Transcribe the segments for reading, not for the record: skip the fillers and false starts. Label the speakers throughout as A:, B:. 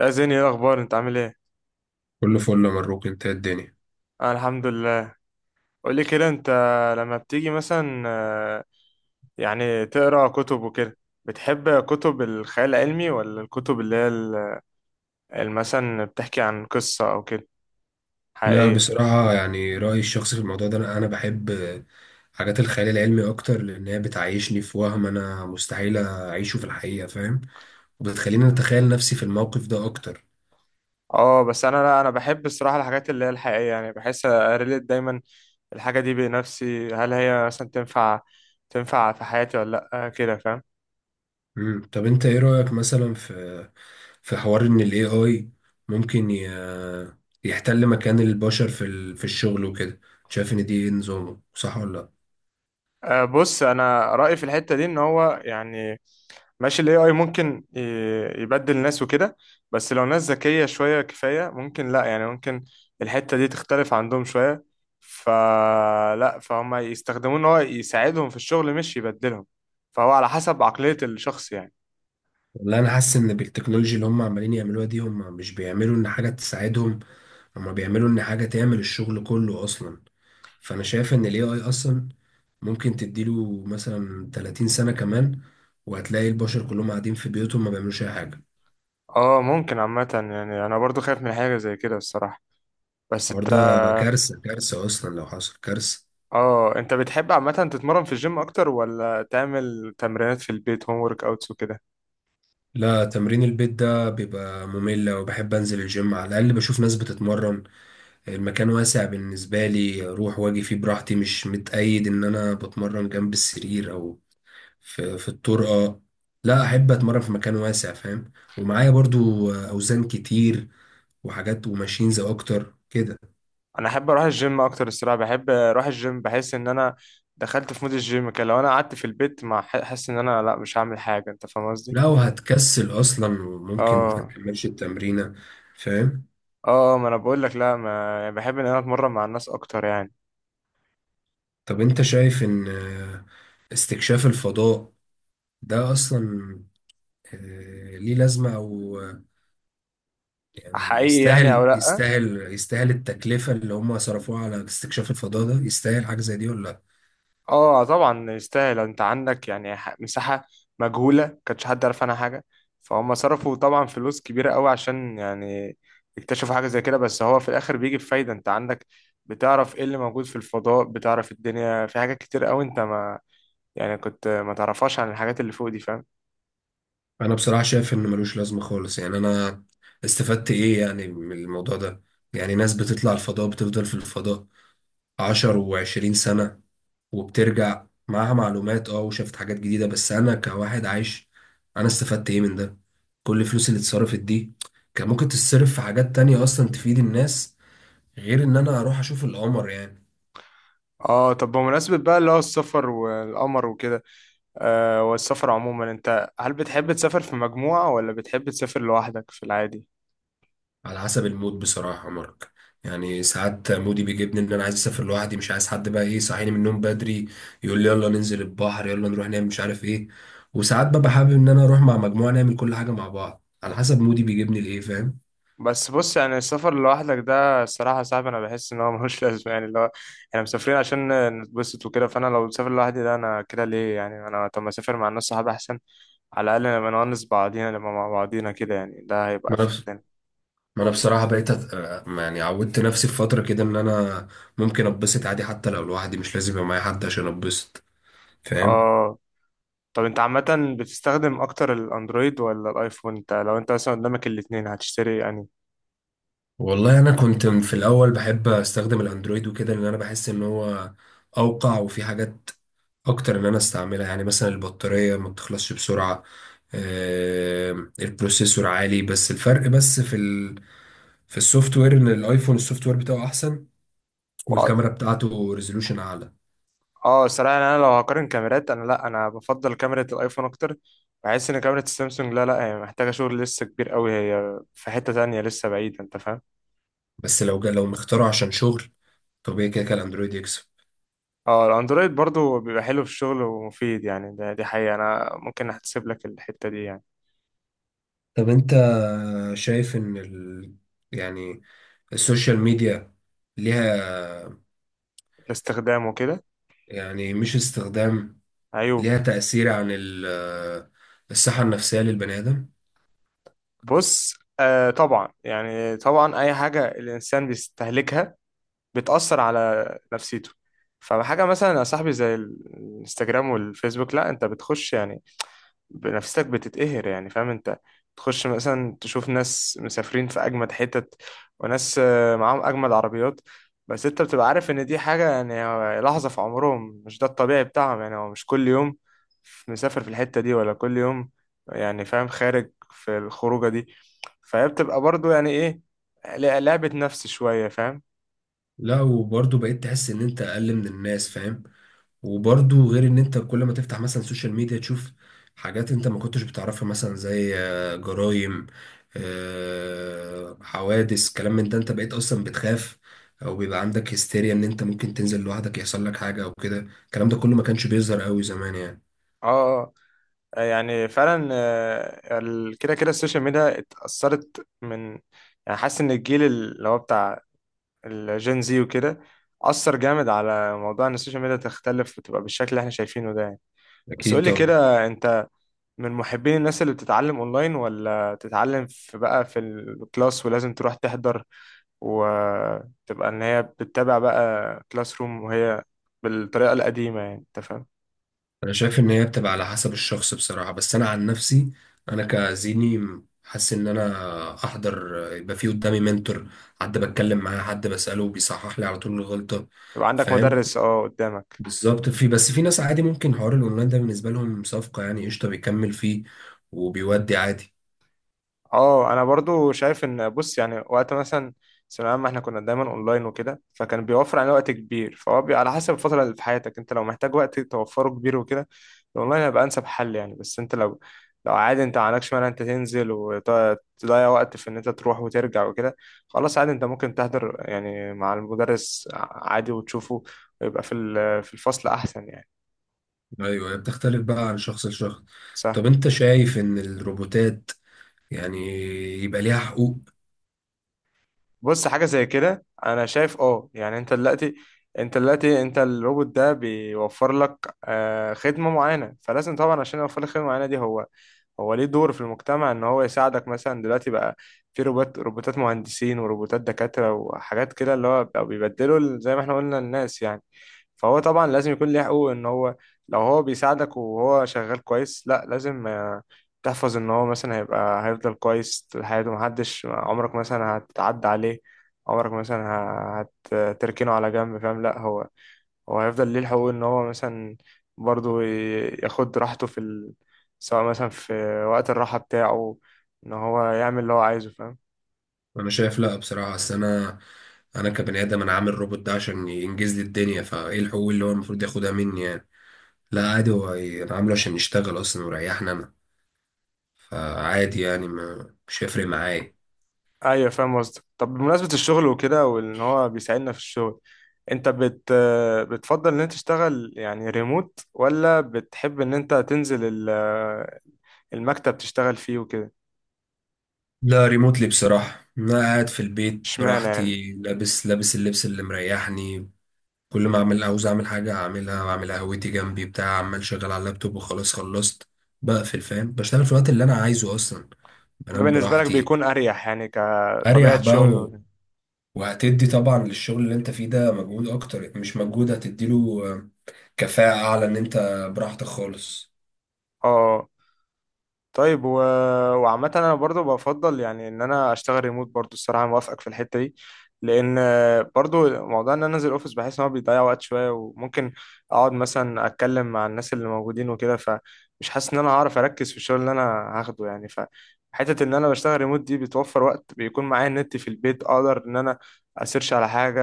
A: يا زين، ايه الاخبار؟ انت عامل ايه؟
B: كله فل يا مبروك، انت ايه الدنيا؟
A: انا الحمد لله. قول لي كده انت لما بتيجي مثلا يعني تقرا كتب وكده، بتحب كتب الخيال العلمي ولا الكتب اللي هي مثلا بتحكي عن قصة او كده
B: لا
A: حقيقية؟
B: بصراحة يعني رأيي الشخصي في الموضوع ده أنا بحب حاجات الخيال العلمي أكتر لأن هي بتعيشني في وهم أنا مستحيل أعيشه في الحقيقة، فاهم. وبتخليني أتخيل نفسي في الموقف ده أكتر.
A: اه بس انا لا، انا بحب الصراحة الحاجات اللي هي الحقيقية، يعني بحس اريليت دايما الحاجة دي بنفسي، هل هي مثلا تنفع في حياتي ولا لا. كده فاهم.
B: مم. طب أنت إيه رأيك مثلا في حوار إن ال AI ممكن يحتل مكان البشر في الشغل وكده. شايف إن دي إيه، نظامه صح ولا لأ؟
A: بص انا رأيي في الحتة دي ان هو يعني ماشي، الـ AI ممكن يبدل ناس وكده، بس لو ناس ذكية شوية كفاية ممكن لا، يعني ممكن الحتة دي تختلف عندهم شوية، فلا فهم يستخدموه ان هو يساعدهم في الشغل مش يبدلهم، فهو على حسب عقلية الشخص يعني.
B: والله أنا حاسس إن بالتكنولوجيا اللي هم عمالين يعملوها دي هم مش بيعملوا إن حاجة تساعدهم، هما بيعملوا ان حاجة تعمل الشغل كله اصلا. فانا شايف ان الاي اي اصلا ممكن تديله مثلا 30 سنة كمان، وهتلاقي البشر كلهم قاعدين في بيوتهم ما بيعملوش اي حاجة.
A: اه ممكن عامة، يعني انا برضو خايف من حاجة زي كده الصراحة، بس
B: الحوار
A: انت
B: ده كارثة، كارثة اصلا لو حصل كارثة.
A: اه انت بتحب عامة تتمرن في الجيم اكتر ولا تعمل تمرينات في البيت، هوم ورك اوتس وكده؟
B: لا، تمرين البيت ده بيبقى ممل، وبحب انزل الجيم على الاقل بشوف ناس بتتمرن. المكان واسع بالنسبة لي، اروح واجي فيه براحتي، مش متقيد ان انا بتمرن جنب السرير او في الطور. اه لا، احب اتمرن في مكان واسع، فاهم، ومعايا برضو اوزان كتير وحاجات وماشينز اكتر كده.
A: انا احب اروح الجيم اكتر الصراحه، بحب اروح الجيم بحس ان انا دخلت في مود الجيم كده، لو انا قعدت في البيت ما حاسس ان انا لا مش هعمل حاجه، انت فاهم قصدي.
B: لو هتكسل اصلا وممكن ما
A: اه
B: تكملش التمرينه، فاهم.
A: اه ما انا بقول لك لا، ما يعني بحب ان انا اتمرن مع الناس اكتر يعني.
B: طب انت شايف ان استكشاف الفضاء ده اصلا ليه لازمه، او آه، يعني
A: حقيقي يعني او
B: يستاهل
A: لا؟
B: يستاهل يستاهل التكلفه اللي هم صرفوها على استكشاف الفضاء ده، يستاهل حاجه زي دي ولا؟
A: اه طبعا يستاهل، انت عندك يعني مساحة مجهولة كانش حد عارف عنها حاجة، فهم صرفوا طبعا فلوس كبيرة قوي عشان يعني يكتشفوا حاجة زي كده، بس هو في الاخر بيجي بفايدة. انت عندك بتعرف ايه اللي موجود في الفضاء، بتعرف الدنيا في حاجات كتير قوي انت ما يعني كنت ما تعرفهاش عن الحاجات اللي فوق دي، فاهم.
B: انا بصراحه شايف انه ملوش لازمه خالص. يعني انا استفدت ايه يعني من الموضوع ده؟ يعني ناس بتطلع الفضاء بتفضل في الفضاء عشر وعشرين سنه، وبترجع معاها معلومات، اه، وشافت حاجات جديده، بس انا كواحد عايش انا استفدت ايه من ده؟ كل الفلوس اللي اتصرفت دي كان ممكن تتصرف في حاجات تانية اصلا تفيد الناس، غير ان انا اروح اشوف القمر يعني.
A: اه طب بمناسبة بقى اللي هو السفر والقمر وكده، آه والسفر عموما، انت هل بتحب تسافر في مجموعة ولا بتحب تسافر لوحدك في العادي؟
B: على حسب المود بصراحة يا مارك. يعني ساعات مودي بيجيبني ان انا عايز اسافر لوحدي، مش عايز حد بقى ايه يصحيني من النوم بدري يقول لي يلا ننزل البحر يلا نروح نعمل مش عارف ايه. وساعات ببقى حابب ان انا اروح مع مجموعة نعمل كل حاجة مع بعض، على حسب مودي بيجيبني لايه، فاهم.
A: بس بص يعني السفر لوحدك ده الصراحة صعب، أنا بحس إن هو ملوش لازمة، يعني اللي هو إحنا مسافرين عشان نتبسط وكده، فأنا لو مسافر لوحدي ده أنا كده ليه؟ يعني أنا طب ما أسافر مع الناس صحابي أحسن، على الأقل نبقى نونس بعضينا، نبقى مع بعضينا كده، يعني ده هيبقى
B: ما انا
A: في
B: بص-
A: لنا.
B: ما انا بصراحة بقيت أت... آه، يعني عودت نفسي في فترة كده ان انا ممكن اتبسط عادي حتى لو لوحدي، مش لازم يبقى معايا حد عشان اتبسط، فاهم.
A: آه طب أنت عامة بتستخدم أكتر الأندرويد ولا الأيفون؟ أنت لو أنت مثلا قدامك الاتنين هتشتري يعني؟
B: والله انا كنت في الاول بحب استخدم الاندرويد وكده لان انا بحس ان هو اوقع، وفي حاجات اكتر ان انا استعملها. يعني مثلا البطارية ما بتخلصش بسرعة، آه، البروسيسور عالي. بس الفرق بس في في السوفت وير، ان الايفون السوفت وير بتاعه احسن، والكاميرا بتاعته ريزولوشن اعلى.
A: اه الصراحة يعني انا لو هقارن كاميرات، انا لا، انا بفضل كاميرا الايفون اكتر، بحس ان كاميرا السامسونج لا لا هي محتاجة شغل لسه كبير قوي، هي في حتة تانية لسه بعيدة انت فاهم.
B: بس لو مختاره عشان شغل طبيعي، كده كده الاندرويد يكسب.
A: اه الاندرويد برضو بيبقى حلو في الشغل ومفيد يعني، ده دي حقيقة انا ممكن احتسب لك الحتة دي يعني.
B: طب انت شايف ان يعني السوشيال ميديا ليها،
A: الاستخدام وكده.
B: يعني مش استخدام،
A: عيوب.
B: ليها تأثير عن الصحة النفسية للبني آدم؟
A: بص طبعا يعني طبعا اي حاجة الانسان بيستهلكها بتأثر على نفسيته، فحاجة مثلا يا صاحبي زي الانستجرام والفيسبوك، لا انت بتخش يعني بنفسك بتتقهر يعني، فاهم انت، تخش مثلا تشوف ناس مسافرين في اجمد حتت، وناس معاهم اجمد عربيات، بس انت بتبقى عارف ان دي حاجة يعني هو لحظة في عمرهم، مش ده الطبيعي بتاعهم، يعني هو مش كل يوم مسافر في الحتة دي ولا كل يوم يعني، فاهم، خارج في الخروجة دي، فهي بتبقى برضو يعني ايه، لعبة نفس شوية فاهم.
B: لا، وبرضه بقيت تحس ان انت اقل من الناس، فاهم. وبرضه غير ان انت كل ما تفتح مثلا سوشيال ميديا تشوف حاجات انت ما كنتش بتعرفها، مثلا زي جرائم، حوادث، كلام من ده، انت بقيت اصلا بتخاف، او بيبقى عندك هستيريا ان انت ممكن تنزل لوحدك يحصل لك حاجة او كده. الكلام ده كله ما كانش بيظهر قوي زمان يعني.
A: اه يعني فعلا، كده السوشيال ميديا اتأثرت من، يعني حاسس ان الجيل اللي هو بتاع الجين زي وكده، أثر جامد على موضوع إن السوشيال ميديا تختلف وتبقى بالشكل اللي إحنا شايفينه ده يعني. بس
B: اكيد
A: قولي
B: طبعا.
A: كده أنت، من محبين الناس اللي بتتعلم أونلاين ولا تتعلم في بقى في الكلاس ولازم تروح تحضر وتبقى إن هي بتتابع بقى كلاس روم وهي بالطريقة القديمة يعني، أنت فاهم؟
B: انا شايف ان هي بتبقى على حسب الشخص بصراحة، بس انا عن نفسي انا كزيني حاسس ان انا احضر يبقى في قدامي منتور، حد بتكلم معاه حد بسأله بيصحح لي على طول الغلطة،
A: يبقى عندك
B: فاهم،
A: مدرس أه قدامك.
B: بالظبط. في بس في ناس عادي ممكن حوار الاونلاين ده بالنسبة لهم صفقة، يعني قشطة بيكمل فيه وبيودي عادي.
A: اه انا برضو شايف ان بص يعني وقت مثلا ثانوية عامة احنا كنا دايما اونلاين وكده، فكان بيوفر علينا وقت كبير، فهو بي على حسب الفترة اللي في حياتك، انت لو محتاج وقت توفره كبير وكده، الاونلاين هيبقى انسب حل يعني، بس انت لو لو عادي انت ما عندكش مانع انت تنزل وتضيع وقت في ان انت تروح وترجع وكده، خلاص عادي انت ممكن تحضر يعني مع المدرس عادي وتشوفه، ويبقى في في الفصل احسن يعني.
B: ايوه، هي بتختلف بقى عن شخص لشخص.
A: سهل.
B: طب انت شايف ان الروبوتات يعني يبقى ليها حقوق؟
A: بص حاجة زي كده أنا شايف أه يعني، أنت دلوقتي أنت الروبوت ده بيوفر لك خدمة معينة، فلازم طبعا عشان يوفر لك خدمة معينة دي هو، هو ليه دور في المجتمع إن هو يساعدك، مثلا دلوقتي بقى في روبوتات مهندسين وروبوتات دكاترة وحاجات كده اللي هو بقوا بيبدلوا زي ما إحنا قلنا الناس يعني، فهو طبعا لازم يكون ليه حقوق، ان هو لو هو بيساعدك وهو شغال كويس لا لازم، تحفظ ان هو مثلا هيبقى هيفضل كويس طول حياته، محدش عمرك مثلا هتعدى عليه، عمرك مثلا ه- هتركنه على جنب فاهم، لا هو هو هيفضل ليه الحقوق، ان هو مثلا برضو ياخد راحته في ال... سواء مثلا في وقت الراحة بتاعه، ان هو يعمل اللي هو عايزه فاهم.
B: انا شايف لا بصراحه. اصل انا، انا كبني ادم انا عامل روبوت ده عشان ينجز لي الدنيا، فايه الحقوق اللي هو المفروض ياخدها مني يعني؟ لا عادي، هو انا عامله عشان يشتغل اصلا ويريحني انا، فعادي يعني ما مش هيفرق معايا.
A: ايوه فاهم قصدك. طب بمناسبة الشغل وكده، وان هو بيساعدنا في الشغل، انت بت بتفضل ان انت تشتغل يعني ريموت ولا بتحب ان انت تنزل ال- المكتب تشتغل فيه وكده؟
B: لا ريموتلي بصراحه، انا قاعد في البيت
A: اشمعنى يعني؟
B: براحتي، لابس اللبس اللي مريحني. كل ما اعمل عاوز اعمل حاجه اعملها، واعمل قهوتي جنبي بتاع، عمال شغال على اللابتوب وخلاص خلصت بقفل، فاهم. بشتغل في الوقت اللي انا عايزه اصلا،
A: ده
B: بنام
A: بالنسبة لك
B: براحتي.
A: بيكون اريح يعني
B: اريح
A: كطبيعة شغل
B: بقى.
A: وكده.
B: وهتدي طبعا للشغل اللي انت فيه ده مجهود اكتر، مش مجهود، هتديله كفاءة اعلى ان انت براحتك خالص،
A: اه طيب و... وعامة أنا برضو بفضل يعني إن أنا أشتغل ريموت برضو الصراحة، موافقك في الحتة دي، لأن برضو موضوع إن أنا أنزل أوفيس بحس إن هو بيضيع وقت شوية، وممكن أقعد مثلا أتكلم مع الناس اللي موجودين وكده، فمش حاسس إن أنا هعرف أركز في الشغل اللي أنا هاخده يعني، فحتة إن أنا بشتغل ريموت دي بتوفر وقت، بيكون معايا النت في البيت أقدر إن أنا أسيرش على حاجة،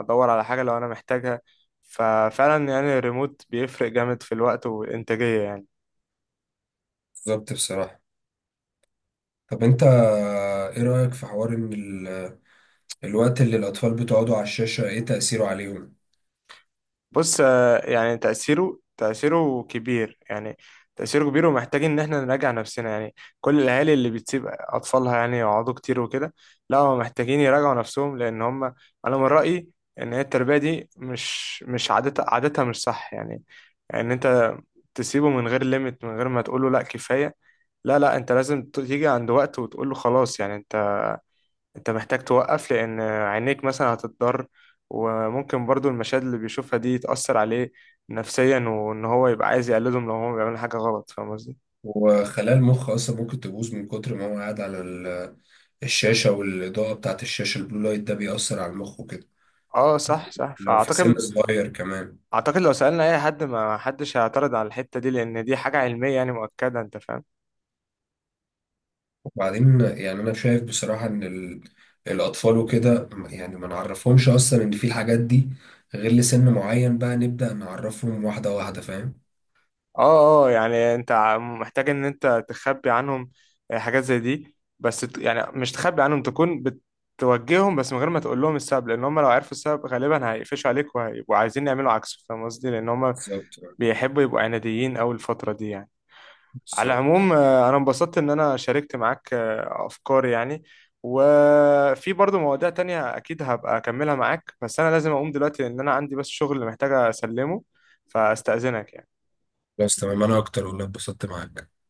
A: أدور على حاجة لو أنا محتاجها، ففعلا يعني الريموت بيفرق جامد في الوقت والإنتاجية يعني.
B: بالظبط بصراحة. طب انت، ايه رأيك في حوار ان الوقت اللي الاطفال بتقعدوا على الشاشة ايه تأثيره عليهم؟
A: بص يعني تأثيره كبير يعني، تأثيره كبير ومحتاج إن إحنا نراجع نفسنا يعني، كل الأهالي اللي بتسيب أطفالها يعني يقعدوا كتير وكده، لا هم محتاجين يراجعوا نفسهم، لأن هم أنا من رأيي إن هي التربية دي مش عادتها مش صح يعني، إن أنت تسيبه من غير ليميت من غير ما تقوله لأ كفاية، لا أنت لازم تيجي عند وقت وتقوله خلاص يعني، انت محتاج توقف لان عينيك مثلا هتضر، وممكن برضو المشاهد اللي بيشوفها دي تأثر عليه نفسيا، وان هو يبقى عايز يقلدهم لو هو بيعمل حاجة غلط فاهم قصدي.
B: وخلايا المخ اصلا ممكن تبوظ من كتر ما هو قاعد على الشاشة، والإضاءة بتاعت الشاشة، البلو لايت ده بيأثر على المخ وكده،
A: اه صح
B: لو في سن
A: فاعتقد،
B: صغير كمان.
A: اعتقد لو سألنا اي حد ما حدش هيعترض على الحتة دي، لان دي حاجة علمية يعني مؤكدة انت فاهم.
B: بعدين يعني انا شايف بصراحة ان الاطفال وكده يعني ما نعرفهمش اصلا ان في الحاجات دي غير لسن معين، بقى نبدأ نعرفهم واحدة واحدة، فاهم،
A: اه اه يعني انت محتاج ان انت تخبي عنهم حاجات زي دي، بس يعني مش تخبي عنهم، تكون بتوجههم بس من غير ما تقول لهم السبب، لان هم لو عرفوا السبب غالبا هيقفشوا عليك وهيبقوا عايزين يعملوا عكسه فاهم قصدي، لان هم
B: بالظبط،
A: بيحبوا يبقوا عناديين اوي الفترة دي يعني. على
B: بالظبط.
A: العموم انا انبسطت ان انا شاركت معاك افكاري يعني، وفي برضه مواضيع تانية اكيد هبقى اكملها معاك، بس انا لازم اقوم دلوقتي لان انا عندي بس شغل محتاج اسلمه، فاستأذنك يعني.
B: بس تمام، انا اكتر والله اتبسطت معاك.